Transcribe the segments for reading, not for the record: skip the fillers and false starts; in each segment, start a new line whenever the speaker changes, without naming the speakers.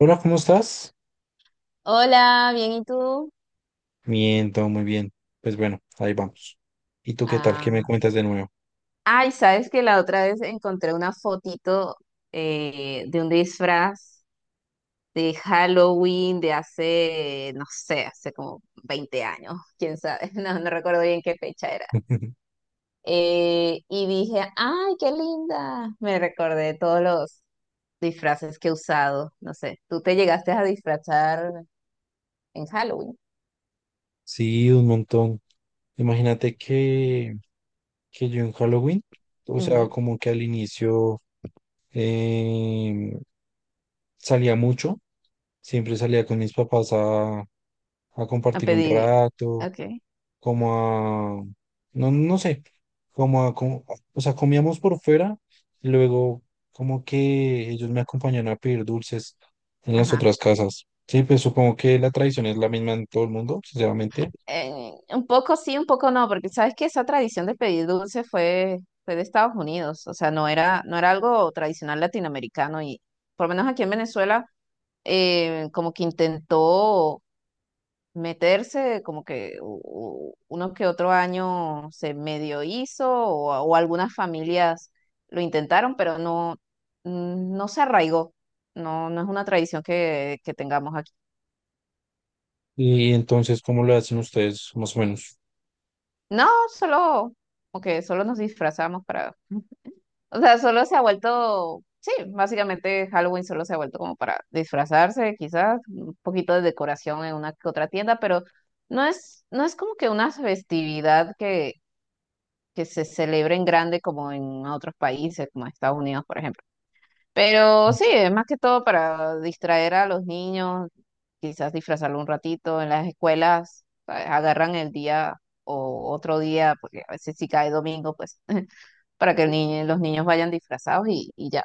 Hola, ¿cómo estás?
Hola, bien, ¿y tú?
Bien, todo muy bien. Pues bueno, ahí vamos. ¿Y tú qué tal? ¿Qué me
Ah,
cuentas de nuevo?
ay, sabes que la otra vez encontré una fotito de un disfraz de Halloween de hace, no sé, hace como 20 años, quién sabe, no recuerdo bien qué fecha era. Y dije, ay, qué linda. Me recordé todos los disfraces que he usado, no sé, tú te llegaste a disfrazar en Halloween.
Sí, un montón. Imagínate que yo en Halloween, o sea,
Ujú.
como que al inicio em, salía mucho, siempre salía con mis papás a
A
compartir un
pedir,
rato,
ok,
como a, no, no sé, como a, como- o sea, comíamos por fuera, y luego como que ellos me acompañaban a pedir dulces en las
ajá.
otras casas. Sí, pues supongo que la tradición es la misma en todo el mundo, sinceramente.
Un poco sí, un poco no, porque sabes que esa tradición de pedir dulce fue de Estados Unidos, o sea, no era algo tradicional latinoamericano y por lo menos aquí en Venezuela como que intentó meterse, como que uno que otro año se medio hizo o algunas familias lo intentaron, pero no, no se arraigó, no, no es una tradición que tengamos aquí.
Y entonces, ¿cómo lo hacen ustedes, más o menos?
No, solo, como que solo nos disfrazamos para… O sea, solo se ha vuelto, sí, básicamente Halloween solo se ha vuelto como para disfrazarse, quizás, un poquito de decoración en una que otra tienda, pero no es como que una festividad que se celebre en grande como en otros países, como Estados Unidos, por ejemplo. Pero sí, es más que todo para distraer a los niños, quizás disfrazarlo un ratito. En las escuelas, ¿sabes? Agarran el día o otro día, porque a veces si cae domingo, pues, para que el los niños vayan disfrazados y ya.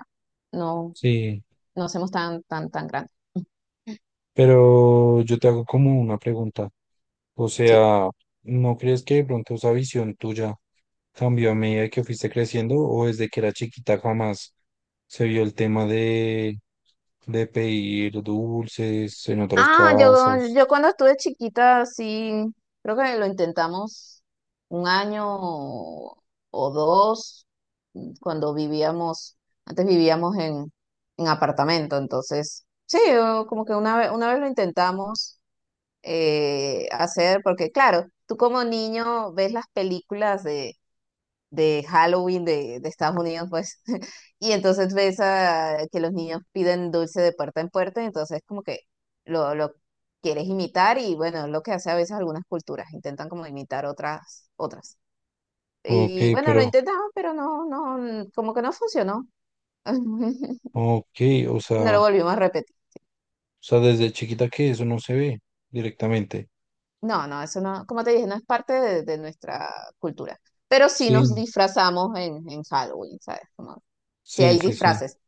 No,
Sí,
no hacemos tan, tan, tan grandes.
pero yo te hago como una pregunta. O
Sí.
sea, ¿no crees que de pronto esa visión tuya cambió a medida que fuiste creciendo o desde que era chiquita jamás se vio el tema de pedir dulces en otras
Ah,
casas?
yo cuando estuve chiquita, sí, creo que lo intentamos un año o dos, cuando vivíamos, antes vivíamos en apartamento, entonces, sí, o como que una vez lo intentamos hacer, porque claro, tú como niño ves las películas de Halloween de Estados Unidos, pues, y entonces ves a, que los niños piden dulce de puerta en puerta, entonces como que lo quieres imitar y bueno, es lo que hace a veces algunas culturas, intentan como imitar otras, otras.
Ok,
Y bueno, lo
pero,
intentamos, pero no, no, como que no funcionó.
ok, o
Y no
sea,
lo
o
volvimos a repetir.
sea, desde chiquita que eso no se ve directamente.
No, no, eso no, como te dije, no es parte de nuestra cultura. Pero sí nos
Sí.
disfrazamos en Halloween, ¿sabes? Como, sí
Sí,
hay
sí, sí.
disfraces,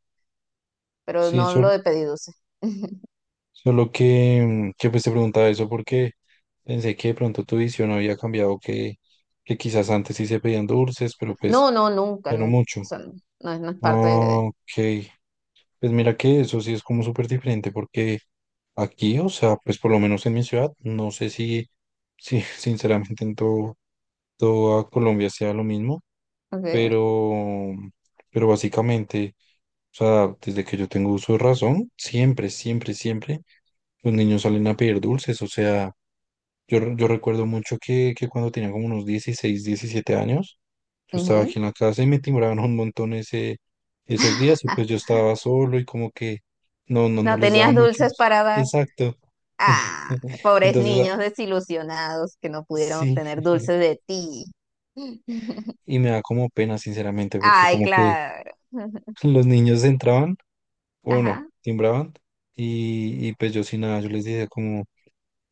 pero
Sí,
no lo
sol-
de pedir dulce.
Solo que que pues te preguntaba eso porque pensé que de pronto tu visión había cambiado, que quizás antes sí se pedían dulces, pero pues
No, no, nunca,
ya no
nunca.
mucho.
O sea, no, no es parte de...
Ah, ok, pues mira que eso sí es como súper diferente porque aquí, o sea, pues por lo menos en mi ciudad, no sé si sinceramente en toda Colombia sea lo mismo,
Okay.
pero, pero básicamente... O sea, desde que yo tengo uso de razón, siempre, siempre, siempre los niños salen a pedir dulces. O sea, yo recuerdo mucho que cuando tenía como unos 16 17 años, yo estaba
Ujú.
aquí en la casa y me timbraban un montón esos días y pues yo estaba solo y como que no, no, no
No
les daba
tenías dulces
muchos.
para dar.
Exacto. Sí.
Ah, pobres
Entonces, ah,
niños desilusionados que no pudieron
sí.
obtener dulces de ti.
Y me da como pena, sinceramente, porque
Ay,
como que
claro.
los niños entraban o no,
Ajá.
timbraban y pues yo sin nada, yo les decía como,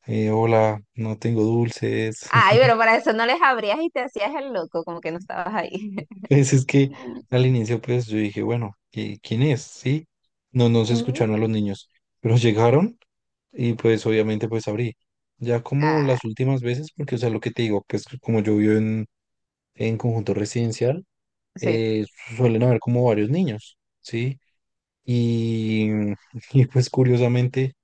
hola, no tengo dulces.
Ay, pero para eso no les abrías y te hacías el loco, como que no estabas ahí.
Pues es que al inicio pues yo dije, bueno, ¿quién es? ¿Sí? No, no se
Ujú.
escucharon a los niños, pero llegaron y pues obviamente pues abrí. Ya como
Ah,
las últimas veces, porque o sea, lo que te digo, pues como yo vivo en conjunto residencial,
sí.
eh, suelen haber como varios niños, ¿sí? Y y pues curiosamente...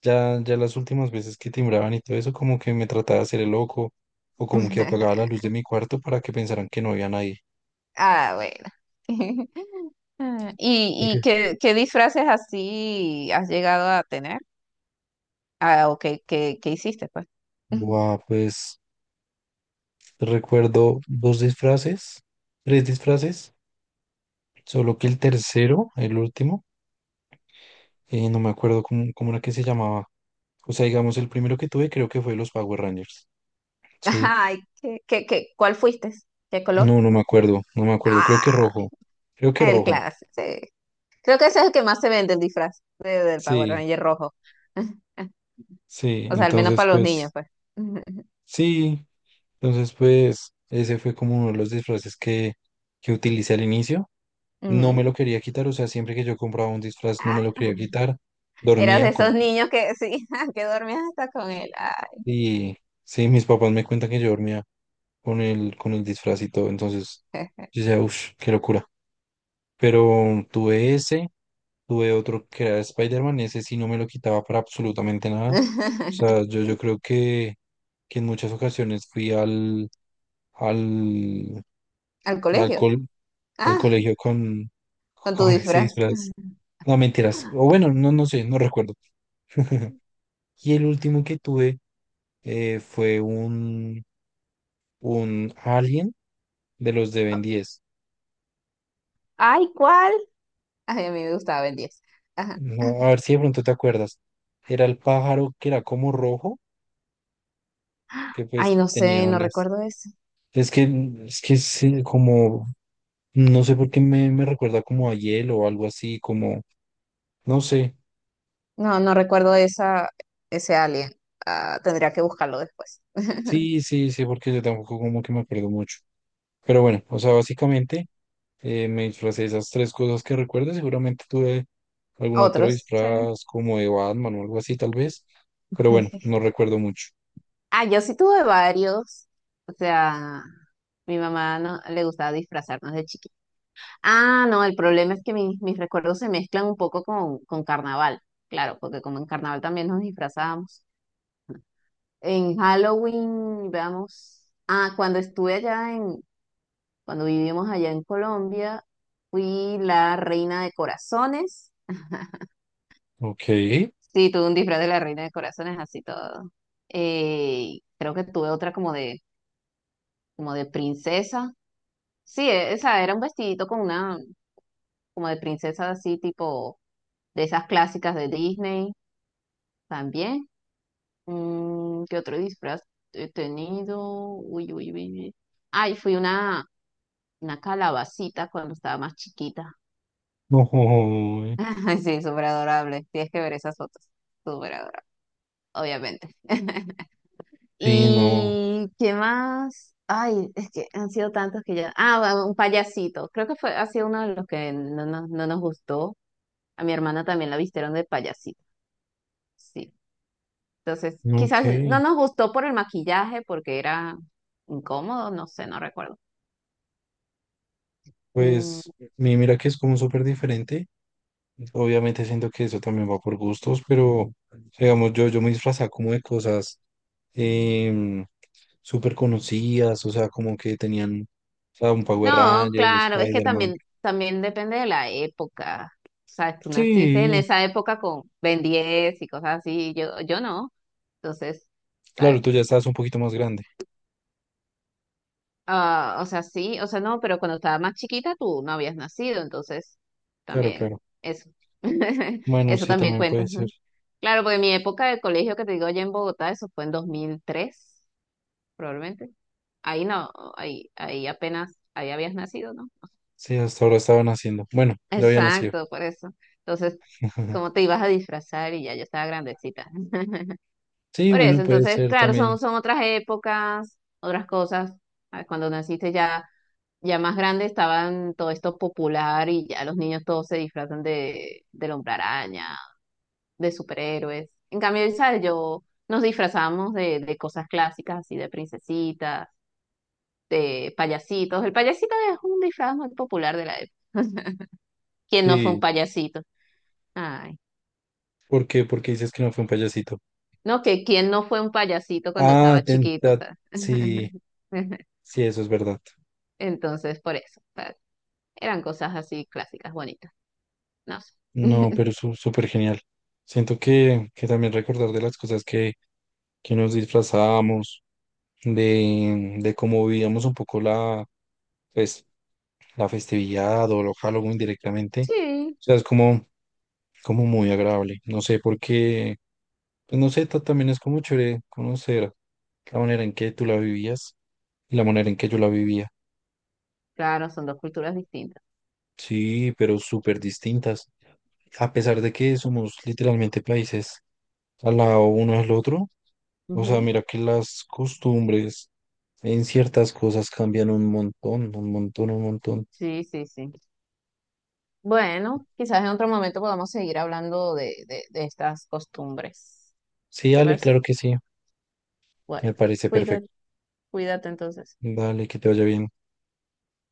Ya las últimas veces que timbraban y todo eso, como que me trataba de hacer el loco o como que apagaba la luz de mi cuarto para que pensaran que no había nadie.
Ah, bueno.
¿Por
¿Y, y
qué?
qué, qué disfraces así has llegado a tener? Ah, ok, ¿qué, qué hiciste, pues? Ujú.
Buah, pues recuerdo dos disfraces, tres disfraces, solo que el tercero, el último, no me acuerdo cómo era que se llamaba. O sea, digamos, el primero que tuve creo que fue los Power Rangers. Sí,
Ay, ¿qué, qué, qué? ¿Cuál fuiste? ¿Qué color?
no, no me acuerdo, no me acuerdo, creo
Ah,
que rojo, creo que
el
rojo.
clásico, sí. Creo que ese es el que más se vende, el disfraz de- del Power
Sí,
Ranger rojo.
sí,
O sea, al menos
entonces
para los niños,
pues
pues. Ujú.
sí, entonces, pues, ese fue como uno de los disfraces que utilicé al inicio. No me
Ujú.
lo quería quitar, o sea, siempre que yo compraba un disfraz no me lo
Ah,
quería quitar.
eras de
Dormía con...
esos niños que, sí, que dormías hasta con él. Ay.
Y sí, mis papás me cuentan que yo dormía con el disfraz y todo. Entonces, yo decía, uff, qué locura. Pero tuve ese, tuve otro que era Spider-Man, ese sí no me lo quitaba para absolutamente nada. O sea, yo creo que en muchas ocasiones fui al,
Al colegio.
alcohol al
Ah,
colegio
con tu
con ese
disfraz.
disfraz. No, mentiras. O bueno, no, no sé, no recuerdo. Y el último que tuve fue un alien de los de Ben 10.
Ay, ¿cuál? Ay, a mí me gustaba el diez. Ajá.
No, a ver si de pronto te acuerdas. Era el pájaro que era como rojo, que
Ay,
pues
no sé,
tenía
no
alas.
recuerdo eso.
Es que, es que es como, no sé por qué me recuerda como a hielo o algo así, como, no sé.
No recuerdo esa, ese alien. Ah, tendría que buscarlo después.
Sí, sí, sí, porque yo tampoco como que me acuerdo mucho. Pero bueno, o sea, básicamente me disfracé de esas tres cosas que recuerdo. Seguramente tuve algún otro
Otros. Sí.
disfraz como de Batman o algo así, tal vez. Pero bueno, no recuerdo mucho.
Ah, yo sí tuve varios. O sea, mi mamá no le gustaba disfrazarnos de chiquita. Ah, no, el problema es que mis, mis recuerdos se mezclan un poco con carnaval. Claro, porque como en carnaval también nos disfrazábamos. En Halloween, veamos. Ah, cuando estuve allá en, cuando vivimos allá en Colombia, fui la reina de corazones.
Ok.
Sí, tuve un disfraz de la Reina de Corazones, así todo. Creo que tuve otra como como de princesa. Sí, esa era un vestidito con una, como de princesa así, tipo de esas clásicas de Disney también. ¿Qué otro disfraz he tenido? Uy, uy, uy, uy. Ay, fui una calabacita cuando estaba más chiquita.
Ojo,
Ay, sí, súper adorable. Tienes que ver esas fotos. Súper adorable, obviamente.
sí, no.
¿Y qué más? Ay, es que han sido tantos que ya. Ah, bueno, un payasito. Creo que fue, ha sido uno de los que no, nos no nos gustó. A mi hermana también la vistieron de payasito. Sí. Entonces,
Ok.
quizás no nos gustó por el maquillaje, porque era incómodo, no sé, no recuerdo. Mm,
Pues mira que es como súper diferente. Obviamente siento que eso también va por gustos, pero digamos, yo me disfrazaba como de cosas em, súper conocidas, o sea, como que tenían, o sea, un Power
no,
Ranger,
claro, es que
Spider-Man.
también, también depende de la época. Sabes, tú naciste en
Sí,
esa época con Ben 10 y cosas así. Yo no. Entonces,
claro,
¿sabes?
tú ya estabas un poquito más grande.
Ah, o sea, sí, o sea, no, pero cuando estaba más chiquita tú no habías nacido, entonces
Claro,
también
claro.
eso.
Bueno,
Eso
sí,
también
también
cuenta.
puede ser.
Ujú. Claro, porque mi época de colegio que te digo allá en Bogotá, eso fue en 2003 probablemente. Ahí no, ahí, ahí apenas, ahí habías nacido, ¿no?
Sí, hasta ahora estaban haciendo. Bueno, ya había nacido.
Exacto, por eso. Entonces, ¿cómo te ibas a disfrazar? Y ya yo estaba grandecita.
Sí,
Por eso,
bueno, puede
entonces,
ser
claro,
también.
son, son otras épocas, otras cosas. Ah, cuando naciste ya… Ya más grande estaban todo esto popular y ya los niños todos se disfrazan del hombre araña, de superhéroes. En cambio, ¿sabes? Yo nos disfrazamos de cosas clásicas, así de princesitas, de payasitos. El payasito es un disfraz muy popular de la época. ¿Quién no fue un
Sí.
payasito? Ay,
¿Por qué? Porque dices que no fue un payasito.
no, que quién no fue un payasito cuando
Ah,
estaba chiquito, o
tenta.
sea.
Sí, sí, eso es verdad.
Entonces, por eso, o sea, eran cosas así clásicas, bonitas. No sé.
No, pero súper genial. Siento que también recordar de las cosas que nos disfrazábamos, de cómo vivíamos un poco la, pues, la festividad o lo Halloween directamente.
Sí,
O sea, es como. Como muy agradable. No sé por qué, pues no sé, también es como chévere conocer la manera en que tú la vivías y la manera en que yo la vivía.
claro, son dos culturas distintas.
Sí, pero súper distintas. A pesar de que somos literalmente países al lado uno del otro, o sea,
Ujú.
mira que las costumbres en ciertas cosas cambian un montón, un montón, un montón.
Sí, sí, sí. Bueno, quizás en otro momento podamos seguir hablando de estas costumbres.
Sí,
¿Te
dale,
parece?
claro que sí, me
Bueno,
parece perfecto.
cuídate, cuídate entonces.
Dale, que te vaya bien.